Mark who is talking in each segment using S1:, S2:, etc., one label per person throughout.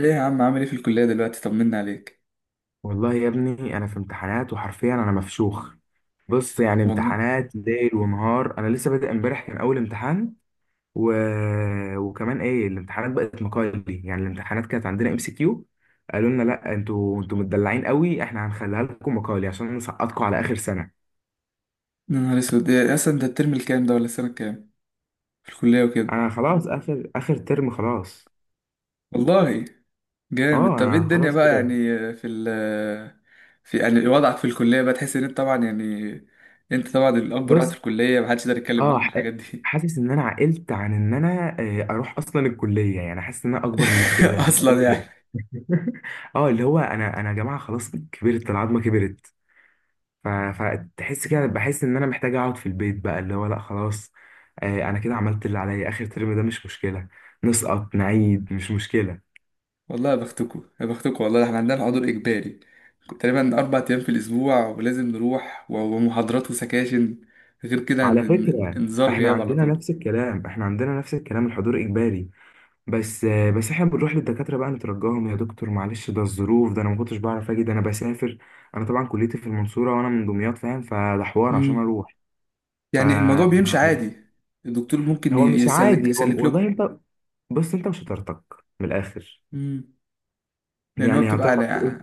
S1: ايه يا عم، عامل ايه في الكلية دلوقتي؟ طمنا عليك.
S2: والله يا ابني انا في امتحانات، وحرفيا انا مفشوخ. بص، يعني
S1: والله،
S2: امتحانات ليل ونهار. انا لسه بادئ، امبارح كان اول امتحان. و... وكمان ايه، الامتحانات بقت مقالي. يعني الامتحانات كانت عندنا ام سي كيو، قالوا لنا لا، انتوا متدلعين قوي، احنا هنخليها لكم مقالي عشان نسقطكم على اخر سنة.
S1: يا نهار اسود، إيه اصلا ده الترم الكام ده ولا السنة الكام في الكلية وكده؟
S2: انا خلاص، اخر اخر ترم خلاص.
S1: والله، جامد.
S2: اه،
S1: طب ايه
S2: انا
S1: الدنيا
S2: خلاص
S1: بقى يعني؟
S2: كده.
S1: في ال في يعني وضعك في الكلية بقى، تحس ان انت طبعا يعني، انت طبعا الاب الروحي
S2: بص،
S1: في الكلية، محدش يقدر يتكلم معاك
S2: اه
S1: في
S2: ح-
S1: الحاجات دي.
S2: حاسس ان انا عقلت عن ان انا، اروح اصلا الكليه. يعني حاسس ان انا اكبر من كده. أنا
S1: اصلا
S2: بقول إيه ده؟
S1: يعني.
S2: اه، اللي هو انا يا جماعه خلاص، كبرت العظمه كبرت. فتحس كده، بحس ان انا محتاج اقعد في البيت بقى. اللي هو لا خلاص، انا كده عملت اللي عليا. اخر ترم ده مش مشكله، نسقط نعيد مش مشكله.
S1: والله يا بختكوا يا بختكوا، والله احنا عندنا حضور اجباري تقريبا اربع ايام في الاسبوع ولازم نروح ومحاضرات وسكاشن، غير كده
S2: على فكره،
S1: انذار
S2: احنا
S1: غياب على
S2: عندنا
S1: طول.
S2: نفس الكلام، الحضور اجباري. بس احنا بنروح للدكاتره بقى نترجاهم، يا دكتور معلش ده الظروف، ده انا ما كنتش بعرف اجي، ده انا بسافر. انا طبعا كليتي في المنصوره وانا من دمياط، فاهم؟ فده حوار عشان اروح. ف
S1: يعني الموضوع بيمشي عادي، الدكتور ممكن
S2: هو مش
S1: يسلك
S2: عادي، هو
S1: يسلك لكم؟
S2: والله انت، بص انت وشطارتك. من الاخر،
S1: امم يعني هو
S2: يعني
S1: بتبقى على،
S2: هتعرف تقول.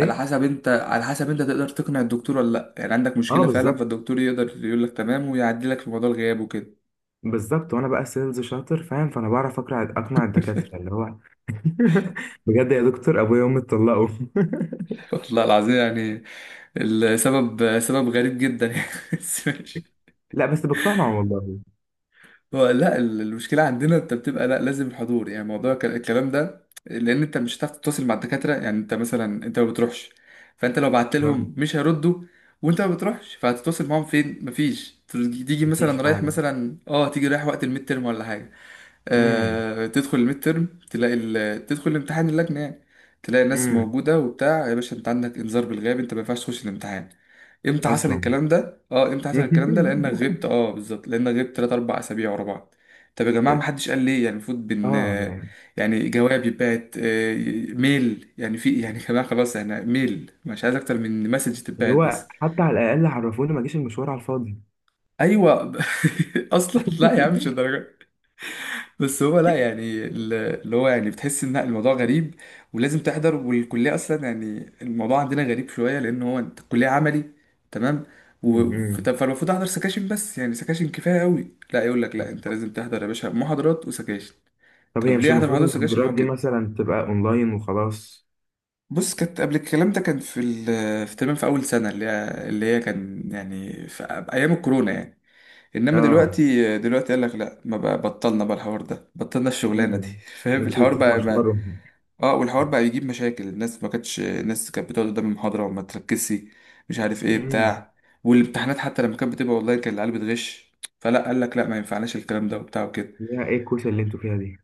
S1: على حسب انت تقدر تقنع الدكتور ولا لا، يعني عندك
S2: اه
S1: مشكله فعلا
S2: بالظبط.
S1: فالدكتور يقدر يقول لك تمام ويعدي لك في موضوع الغياب وكده.
S2: بالظبط، وانا بقى سيلز شاطر فاهم، فانا بعرف اقنع الدكاتره. اللي هو بجد يا دكتور ابويا وامي اتطلقوا.
S1: والله العظيم يعني السبب سبب غريب جدا يعني، بس ماشي.
S2: لا بس بقتنع والله.
S1: هو لا المشكلة عندنا انت بتبقى لا لازم الحضور، يعني موضوع الكلام ده، لان انت مش هتعرف تتواصل مع الدكاترة، يعني انت مثلا، انت ما بتروحش فانت لو بعت لهم
S2: آه،
S1: مش هيردوا، وانت ما بتروحش فهتتواصل معاهم فين؟ مفيش. تيجي
S2: مفيش
S1: مثلا رايح،
S2: فعلا.
S1: مثلا اه تيجي رايح وقت الميد ترم ولا حاجة،
S2: امم.
S1: تدخل الميد ترم تلاقي تدخل الامتحان اللجنة يعني، تلاقي ناس
S2: إمم.
S1: موجودة وبتاع، يا باشا انت عندك انذار بالغياب، انت ما ينفعش تخش الامتحان. امتى حصل
S2: اصلا
S1: الكلام ده؟ اه امتى حصل الكلام ده؟ لانك غبت. اه بالظبط، لانك غبت 3 4 اسابيع ورا بعض. طب يا جماعة، ما حدش قال ليه؟ يعني المفروض بن
S2: اه،
S1: آه،
S2: يعني
S1: يعني جواب يتبعت، ميل، يعني في يعني يا جماعة خلاص، احنا ميل، مش عايز اكتر من مسج
S2: اللي
S1: تتبعت
S2: هو
S1: بس.
S2: حتى على الاقل عرفوني، ما جيش المشوار على الفاضي.
S1: ايوه. اصلا لا يا عم، مش الدرجة. بس هو لا يعني اللي هو يعني بتحس ان الموضوع غريب، ولازم تحضر. والكليه اصلا يعني الموضوع عندنا غريب شويه، لان هو أنت الكليه عملي، تمام،
S2: مم.
S1: فالمفروض احضر سكاشن بس، يعني سكاشن كفايه قوي. لا يقول لك لا، انت لازم تحضر يا باشا محاضرات وسكاشن.
S2: طب هي
S1: طب
S2: مش
S1: ليه احضر
S2: المفروض
S1: محاضرات وسكاشن؟
S2: المحاضرات
S1: هو
S2: دي
S1: كده.
S2: مثلا تبقى اونلاين وخلاص؟
S1: بص، كانت قبل الكلام ده كان في تمام، في اول سنه اللي هي كان يعني في ايام الكورونا يعني، انما
S2: اه.
S1: دلوقتي، دلوقتي قال لك لا، ما بقى، بطلنا بقى الحوار ده، بطلنا الشغلانه دي.
S2: امم
S1: فاهم الحوار بقى؟
S2: تتمشمروا.
S1: اه، والحوار بقى يجيب مشاكل الناس، ما كانتش الناس كانت بتقعد قدام المحاضرة وما تركزش، مش عارف ايه
S2: امم.
S1: بتاع، والامتحانات حتى لما كانت بتبقى اونلاين كان العيال بتغش، فلا قال لك لا، ما ينفعناش الكلام ده وبتاع وكده.
S2: يا ايه الكوسه اللي انتوا فيها دي.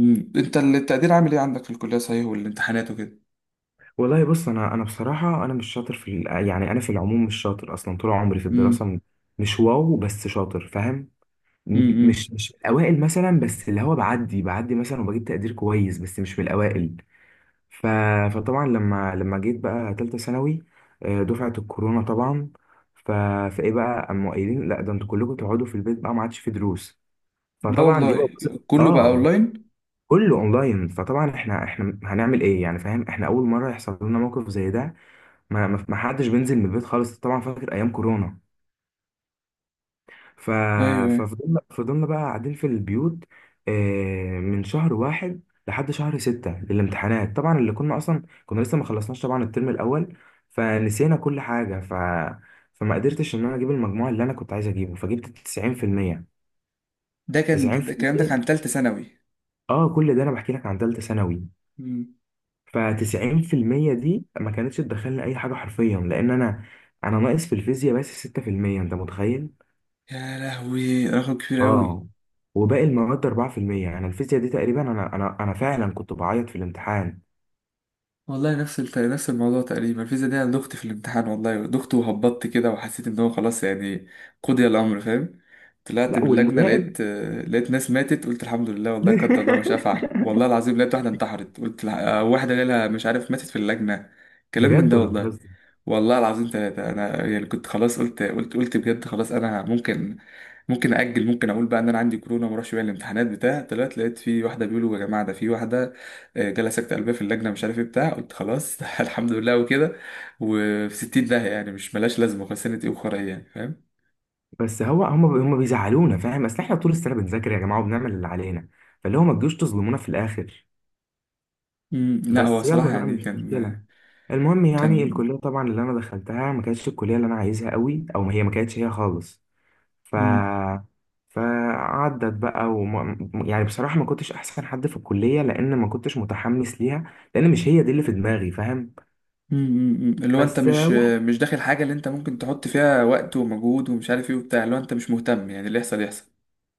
S1: انت التقدير عامل ايه عندك في الكلية صحيح، والامتحانات وكده؟
S2: والله بص، انا بصراحه انا مش شاطر في يعني انا في العموم مش شاطر اصلا، طول عمري في الدراسه
S1: امم.
S2: مش واو، بس شاطر فاهم. م-
S1: امم.
S2: مش مش اوائل مثلا، بس اللي هو بعدي بعدي مثلا، وبجيب تقدير كويس بس مش من الاوائل. ف... فطبعا لما جيت بقى تالتة ثانوي، دفعة الكورونا طبعا. ف... فايه بقى، قاموا قايلين لا، ده انتوا كلكم تقعدوا في البيت بقى، ما عادش في دروس.
S1: لا
S2: فطبعا دي بقى
S1: والله. كله بقى
S2: اه،
S1: اونلاين.
S2: كله اونلاين. فطبعا احنا هنعمل ايه يعني، فاهم؟ احنا اول مرة يحصل لنا موقف زي ده. ما حدش بينزل من البيت خالص طبعا، فاكر ايام كورونا. ف...
S1: ايوه ايوه.
S2: ففضلنا بقى قاعدين في البيوت، من شهر واحد لحد شهر ستة للامتحانات طبعا، اللي كنا أصلا كنا لسه ما خلصناش طبعا الترم الأول، فنسينا كل حاجة. فما قدرتش إن أنا أجيب المجموع اللي أنا كنت عايز أجيبه، فجبت 90%
S1: ده كان، ده الكلام ده
S2: 90%
S1: كان تالتة ثانوي.
S2: آه، كل ده أنا بحكي لك عن تالتة ثانوي.
S1: امم.
S2: ف 90% دي ما كانتش تدخلني أي حاجة حرفيا، لأن أنا ناقص في الفيزياء بس 6%. أنت متخيل؟
S1: يا لهوي، رقم كبير قوي.
S2: اه، وباقي المواد 4%. انا الفيزياء دي تقريبا، انا فعلا كنت بعيط في الامتحان.
S1: والله نفس نفس الموضوع تقريبا، الفيزا دي انا دخت في الامتحان، والله دخت وهبطت كده وحسيت ان هو خلاص يعني قضي الامر، فاهم؟ طلعت
S2: لا
S1: من اللجنه
S2: والمراقب.
S1: لقيت، لقيت ناس ماتت، قلت الحمد لله والله، قدر الله ما شاء فعل، والله العظيم لقيت واحده انتحرت، قلت واحده جالها مش عارف ماتت في اللجنه، كلام من
S2: بجد
S1: ده
S2: ولا
S1: والله.
S2: بهزر؟
S1: والله العظيم ثلاثة، أنا يعني كنت خلاص، قلت بجد خلاص أنا ممكن، ممكن أجل، ممكن أقول بقى إن أنا عندي كورونا وما أروحش بيها الامتحانات بتاع. طلعت لقيت في واحدة بيقولوا يا جماعة ده في واحدة جالها سكتة قلبية في اللجنة، مش عارف ايه بتاع، قلت خلاص الحمد لله وكده، وفي 60 داهية يعني، مش ملاش لازمة، خسنة ايه وخرا ايه يعني، فاهم؟
S2: بس هو، هم بيزعلونا فاهم، اصل احنا طول السنه بنذاكر يا جماعه، وبنعمل اللي علينا، فاللي هو ما تجوش تظلمونا في الاخر.
S1: مم، لا هو
S2: بس يلا
S1: صراحة
S2: بقى،
S1: يعني
S2: مش
S1: كان،
S2: مشكله. المهم، يعني
S1: كان،
S2: الكليه طبعا اللي انا دخلتها، ما كانتش الكليه اللي انا عايزها قوي، او ما هي ما كانتش هي خالص. ف
S1: مم،
S2: يعني بصراحة ما كنتش أحسن حد في الكلية، لأن ما كنتش متحمس ليها، لأن مش هي دي اللي في دماغي فاهم.
S1: اللي هو انت
S2: بس
S1: مش
S2: واحد،
S1: مش داخل حاجة اللي انت ممكن تحط فيها وقت ومجهود ومش عارف ايه وبتاع، اللي هو انت مش مهتم، يعني اللي يحصل يحصل.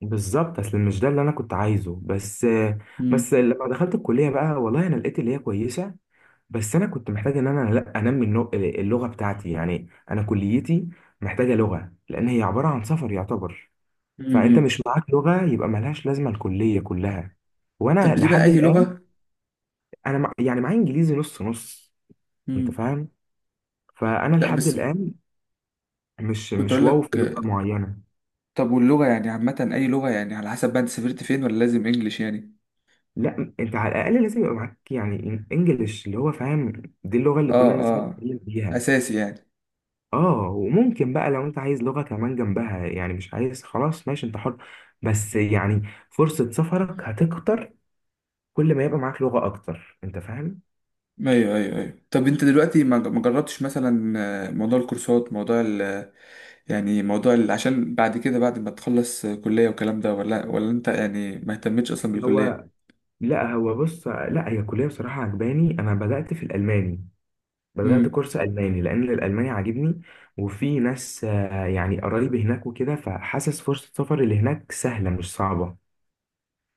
S2: بالظبط، أصل مش ده اللي أنا كنت عايزه. بس،
S1: مم،
S2: بس لما دخلت الكلية بقى، والله أنا لقيت اللي هي كويسة، بس أنا كنت محتاج إن أنا لا أنمي اللغة بتاعتي. يعني أنا كليتي محتاجة لغة، لأن هي عبارة عن سفر يعتبر.
S1: مم،
S2: فأنت
S1: مم.
S2: مش معاك لغة، يبقى ملهاش لازمة الكلية كلها.
S1: طب
S2: وأنا
S1: بتبقى
S2: لحد
S1: اي
S2: الآن،
S1: لغة؟
S2: يعني معايا انجليزي نص نص، انت
S1: مم.
S2: فاهم. فانا
S1: لا
S2: لحد
S1: بس
S2: الان مش
S1: كنت
S2: مش
S1: اقول
S2: واو
S1: لك،
S2: في لغه معينه.
S1: طب واللغة يعني عامة اي لغة يعني؟ على حسب بقى انت سافرت فين، ولا لازم انجليش يعني؟
S2: لا، انت على الاقل لازم يبقى معاك يعني انجليش، اللي هو فاهم دي اللغه
S1: اه.
S2: اللي كل الناس
S1: اه،
S2: بتتكلم بيها.
S1: اساسي يعني.
S2: اه، وممكن بقى لو انت عايز لغه كمان جنبها يعني، مش عايز خلاص ماشي انت حر. بس يعني فرصه سفرك هتكتر، كل ما يبقى معاك لغه اكتر انت فاهم.
S1: ايوه ايوه ايوه. طب انت دلوقتي ما جربتش مثلا موضوع الكورسات، موضوع يعني موضوع عشان بعد كده، بعد ما تخلص كلية والكلام ده، ولا انت يعني ما اهتمتش اصلا
S2: هو
S1: بالكلية؟
S2: لا هو بص، لا هي الكليه بصراحه عجباني، انا بدات في الالماني. بدأت
S1: امم.
S2: كورس ألماني لأن الألماني عاجبني. وفي ناس، يعني قرايبي هناك وكده، فحاسس فرصة سفري لهناك سهلة مش صعبة.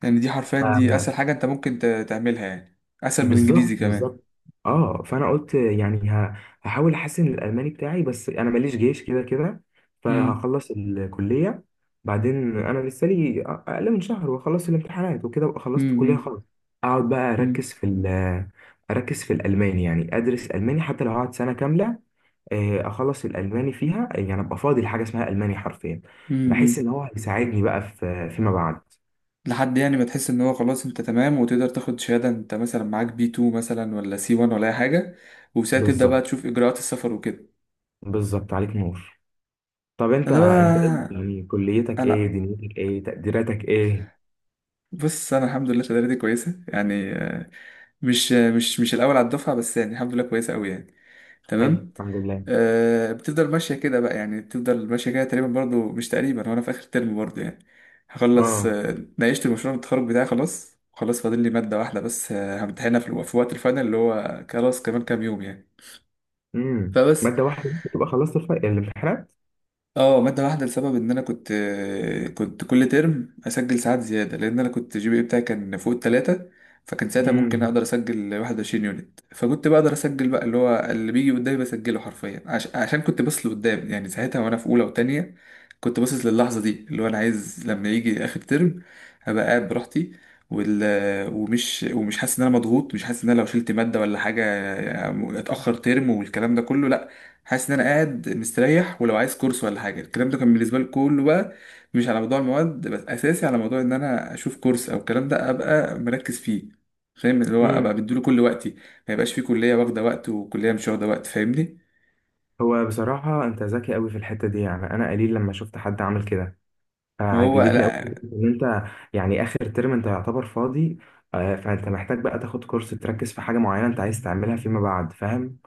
S1: يعني دي حرفيا، دي اسهل
S2: ف-
S1: حاجة انت ممكن تعملها، يعني اسهل من
S2: بالظبط
S1: الانجليزي كمان.
S2: بالظبط. اه، فأنا قلت يعني، هحاول أحسن الألماني بتاعي، بس أنا ماليش جيش كده كده،
S1: امم.
S2: فهخلص الكلية. بعدين أنا لسه لي أقل من شهر وأخلص الامتحانات وكده، وأبقى خلصت الكلية
S1: امم.
S2: خلاص. أقعد بقى
S1: امم.
S2: أركز في الألماني، يعني أدرس ألماني حتى لو هقعد سنة كاملة. اخلص الالماني فيها، يعني ابقى فاضي لحاجه اسمها الماني حرفيا. بحس
S1: امم.
S2: ان هو هيساعدني بقى في فيما بعد.
S1: لحد يعني ما تحس ان هو خلاص انت تمام، وتقدر تاخد شهادة، انت مثلا معاك بي 2 مثلا، ولا سي 1، ولا اي حاجة، وساعتها تبدأ بقى
S2: بالظبط
S1: تشوف اجراءات السفر وكده.
S2: بالظبط، عليك نور. طب انت،
S1: انا
S2: ايه
S1: بقى،
S2: يعني؟ كليتك ايه؟
S1: انا،
S2: دنيتك ايه؟ تقديراتك ايه؟
S1: بص انا الحمد لله شهادتي كويسه يعني، مش مش مش الاول على الدفعه، بس يعني الحمد لله كويسه قوي يعني،
S2: حلو،
S1: تمام.
S2: الحمد لله.
S1: أه، بتفضل ماشيه كده بقى، يعني بتفضل ماشيه كده تقريبا، برضو مش تقريبا، وانا في اخر ترم برضو يعني، هخلص.
S2: اه.
S1: ناقشت المشروع التخرج بتاعي خلاص، خلاص فاضل لي ماده واحده بس، همتحنها في في وقت الفاينل، اللي هو خلاص كمان كام يوم يعني،
S2: امم،
S1: فبس.
S2: ماده واحده بس تبقى خلصت الامتحانات.
S1: اه مادة واحدة، لسبب ان انا كنت، كنت كل ترم اسجل ساعات زيادة، لان انا كنت جي بي اي بتاعي كان فوق التلاتة، فكان ساعتها ممكن
S2: امم.
S1: اقدر اسجل 21 يونت، فكنت بقدر اسجل بقى اللي هو اللي بيجي قدامي بسجله حرفيا، عشان كنت باصص لقدام يعني، ساعتها وانا في اولى وتانية كنت باصص للحظة دي، اللي هو انا عايز لما يجي اخر ترم ابقى قاعد براحتي، وال... ومش حاسس ان انا مضغوط، مش حاسس ان انا لو شلت مادة ولا حاجة اتأخر ترم والكلام ده كله، لا، حاسس ان انا قاعد مستريح. ولو عايز كورس ولا حاجه، الكلام ده كان بالنسبه لي كله بقى مش على موضوع المواد بس، اساسي على موضوع ان انا اشوف كورس او الكلام ده ابقى مركز فيه، فاهم؟ اللي هو
S2: امم.
S1: ابقى بديله كل وقتي، ما يبقاش فيه كليه واخده وقت وكليه مش واخده وقت، فاهمني؟
S2: هو بصراحه انت ذكي قوي في الحته دي، يعني انا قليل لما شفت حد عامل كده،
S1: ما هو
S2: فعجبتني قوي
S1: لا.
S2: ان انت، يعني اخر ترم انت يعتبر فاضي، فانت محتاج بقى تاخد كورس، تركز في حاجه معينه انت عايز تعملها فيما بعد، فاهم.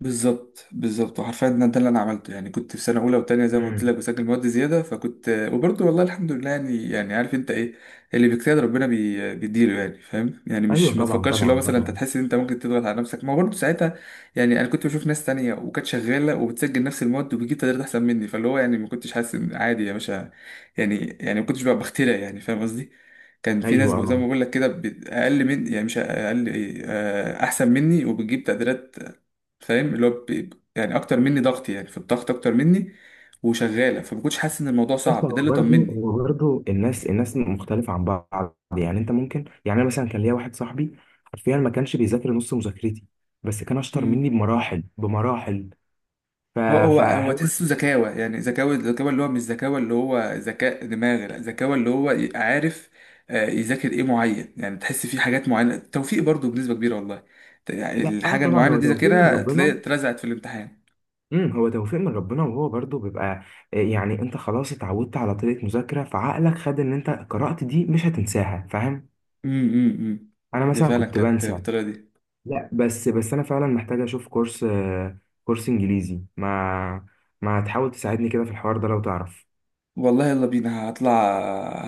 S1: بالظبط بالظبط، وحرفيا ده اللي انا عملته يعني، كنت في سنه اولى وتانية زي ما قلت
S2: امم.
S1: لك بسجل مواد زياده، فكنت وبرضه والله الحمد لله يعني، يعني عارف انت ايه؟ اللي بيجتهد ربنا بيديله يعني، فاهم؟ يعني مش،
S2: ايوه
S1: ما
S2: طبعا
S1: تفكرش اللي هو
S2: طبعا
S1: مثلا انت
S2: طبعا.
S1: تحس ان انت ممكن تضغط على نفسك، ما هو برضه ساعتها يعني، انا كنت بشوف ناس تانية وكانت شغاله وبتسجل نفس المواد وبتجيب تقديرات احسن مني، فاللي هو يعني ما كنتش حاسس ان، عادي يا باشا يعني، يعني ما كنتش بقى بخترع يعني، فاهم قصدي؟ كان في ناس
S2: ايوه،
S1: بقى زي ما
S2: اه.
S1: بقول لك كده اقل من، يعني مش اقل، ايه احسن مني وبتجيب تقديرات، فاهم؟ اللي هو يعني اكتر مني ضغط، يعني في الضغط اكتر مني، وشغاله، فما كنتش حاسس ان الموضوع
S2: بص،
S1: صعب، ده
S2: هو
S1: اللي
S2: برضه
S1: طمني.
S2: هو برضه الناس، مختلفه عن بعض. يعني انت ممكن، يعني انا مثلا كان ليا واحد صاحبي، حرفيا ما كانش بيذاكر نص مذاكرتي، بس كان اشطر مني
S1: امم.
S2: بمراحل بمراحل. ف...
S1: هو
S2: فهو
S1: تحسه ذكاوه، يعني ذكاوه، ذكاوه اللي هو مش ذكاوه اللي هو ذكاء دماغ، لا، ذكاوه اللي هو عارف، يذاكر ايه معين، يعني تحس فيه حاجات معينه، توفيق برضو بنسبه كبيره والله، يعني
S2: لا، اه
S1: الحاجه
S2: طبعا
S1: المعينه
S2: هو
S1: دي
S2: توفيق من
S1: ذاكرها تلاقي
S2: ربنا.
S1: اترزعت في الامتحان.
S2: امم، هو توفيق من ربنا، وهو برضو بيبقى، يعني انت خلاص اتعودت على طريقة مذاكرة، فعقلك خد ان انت قرأت دي مش هتنساها، فاهم.
S1: امم. امم.
S2: انا
S1: دي
S2: مثلا
S1: فعلا
S2: كنت
S1: كانت
S2: بنسى.
S1: بالطريقه دي.
S2: لا، بس انا فعلا محتاج اشوف كورس، كورس انجليزي. ما تحاول تساعدني كده في الحوار ده لو تعرف.
S1: والله يلا بينا، هطلع،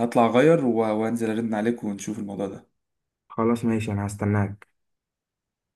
S1: هطلع اغير وانزل ارن عليك ونشوف الموضوع ده.
S2: خلاص ماشي، انا هستناك.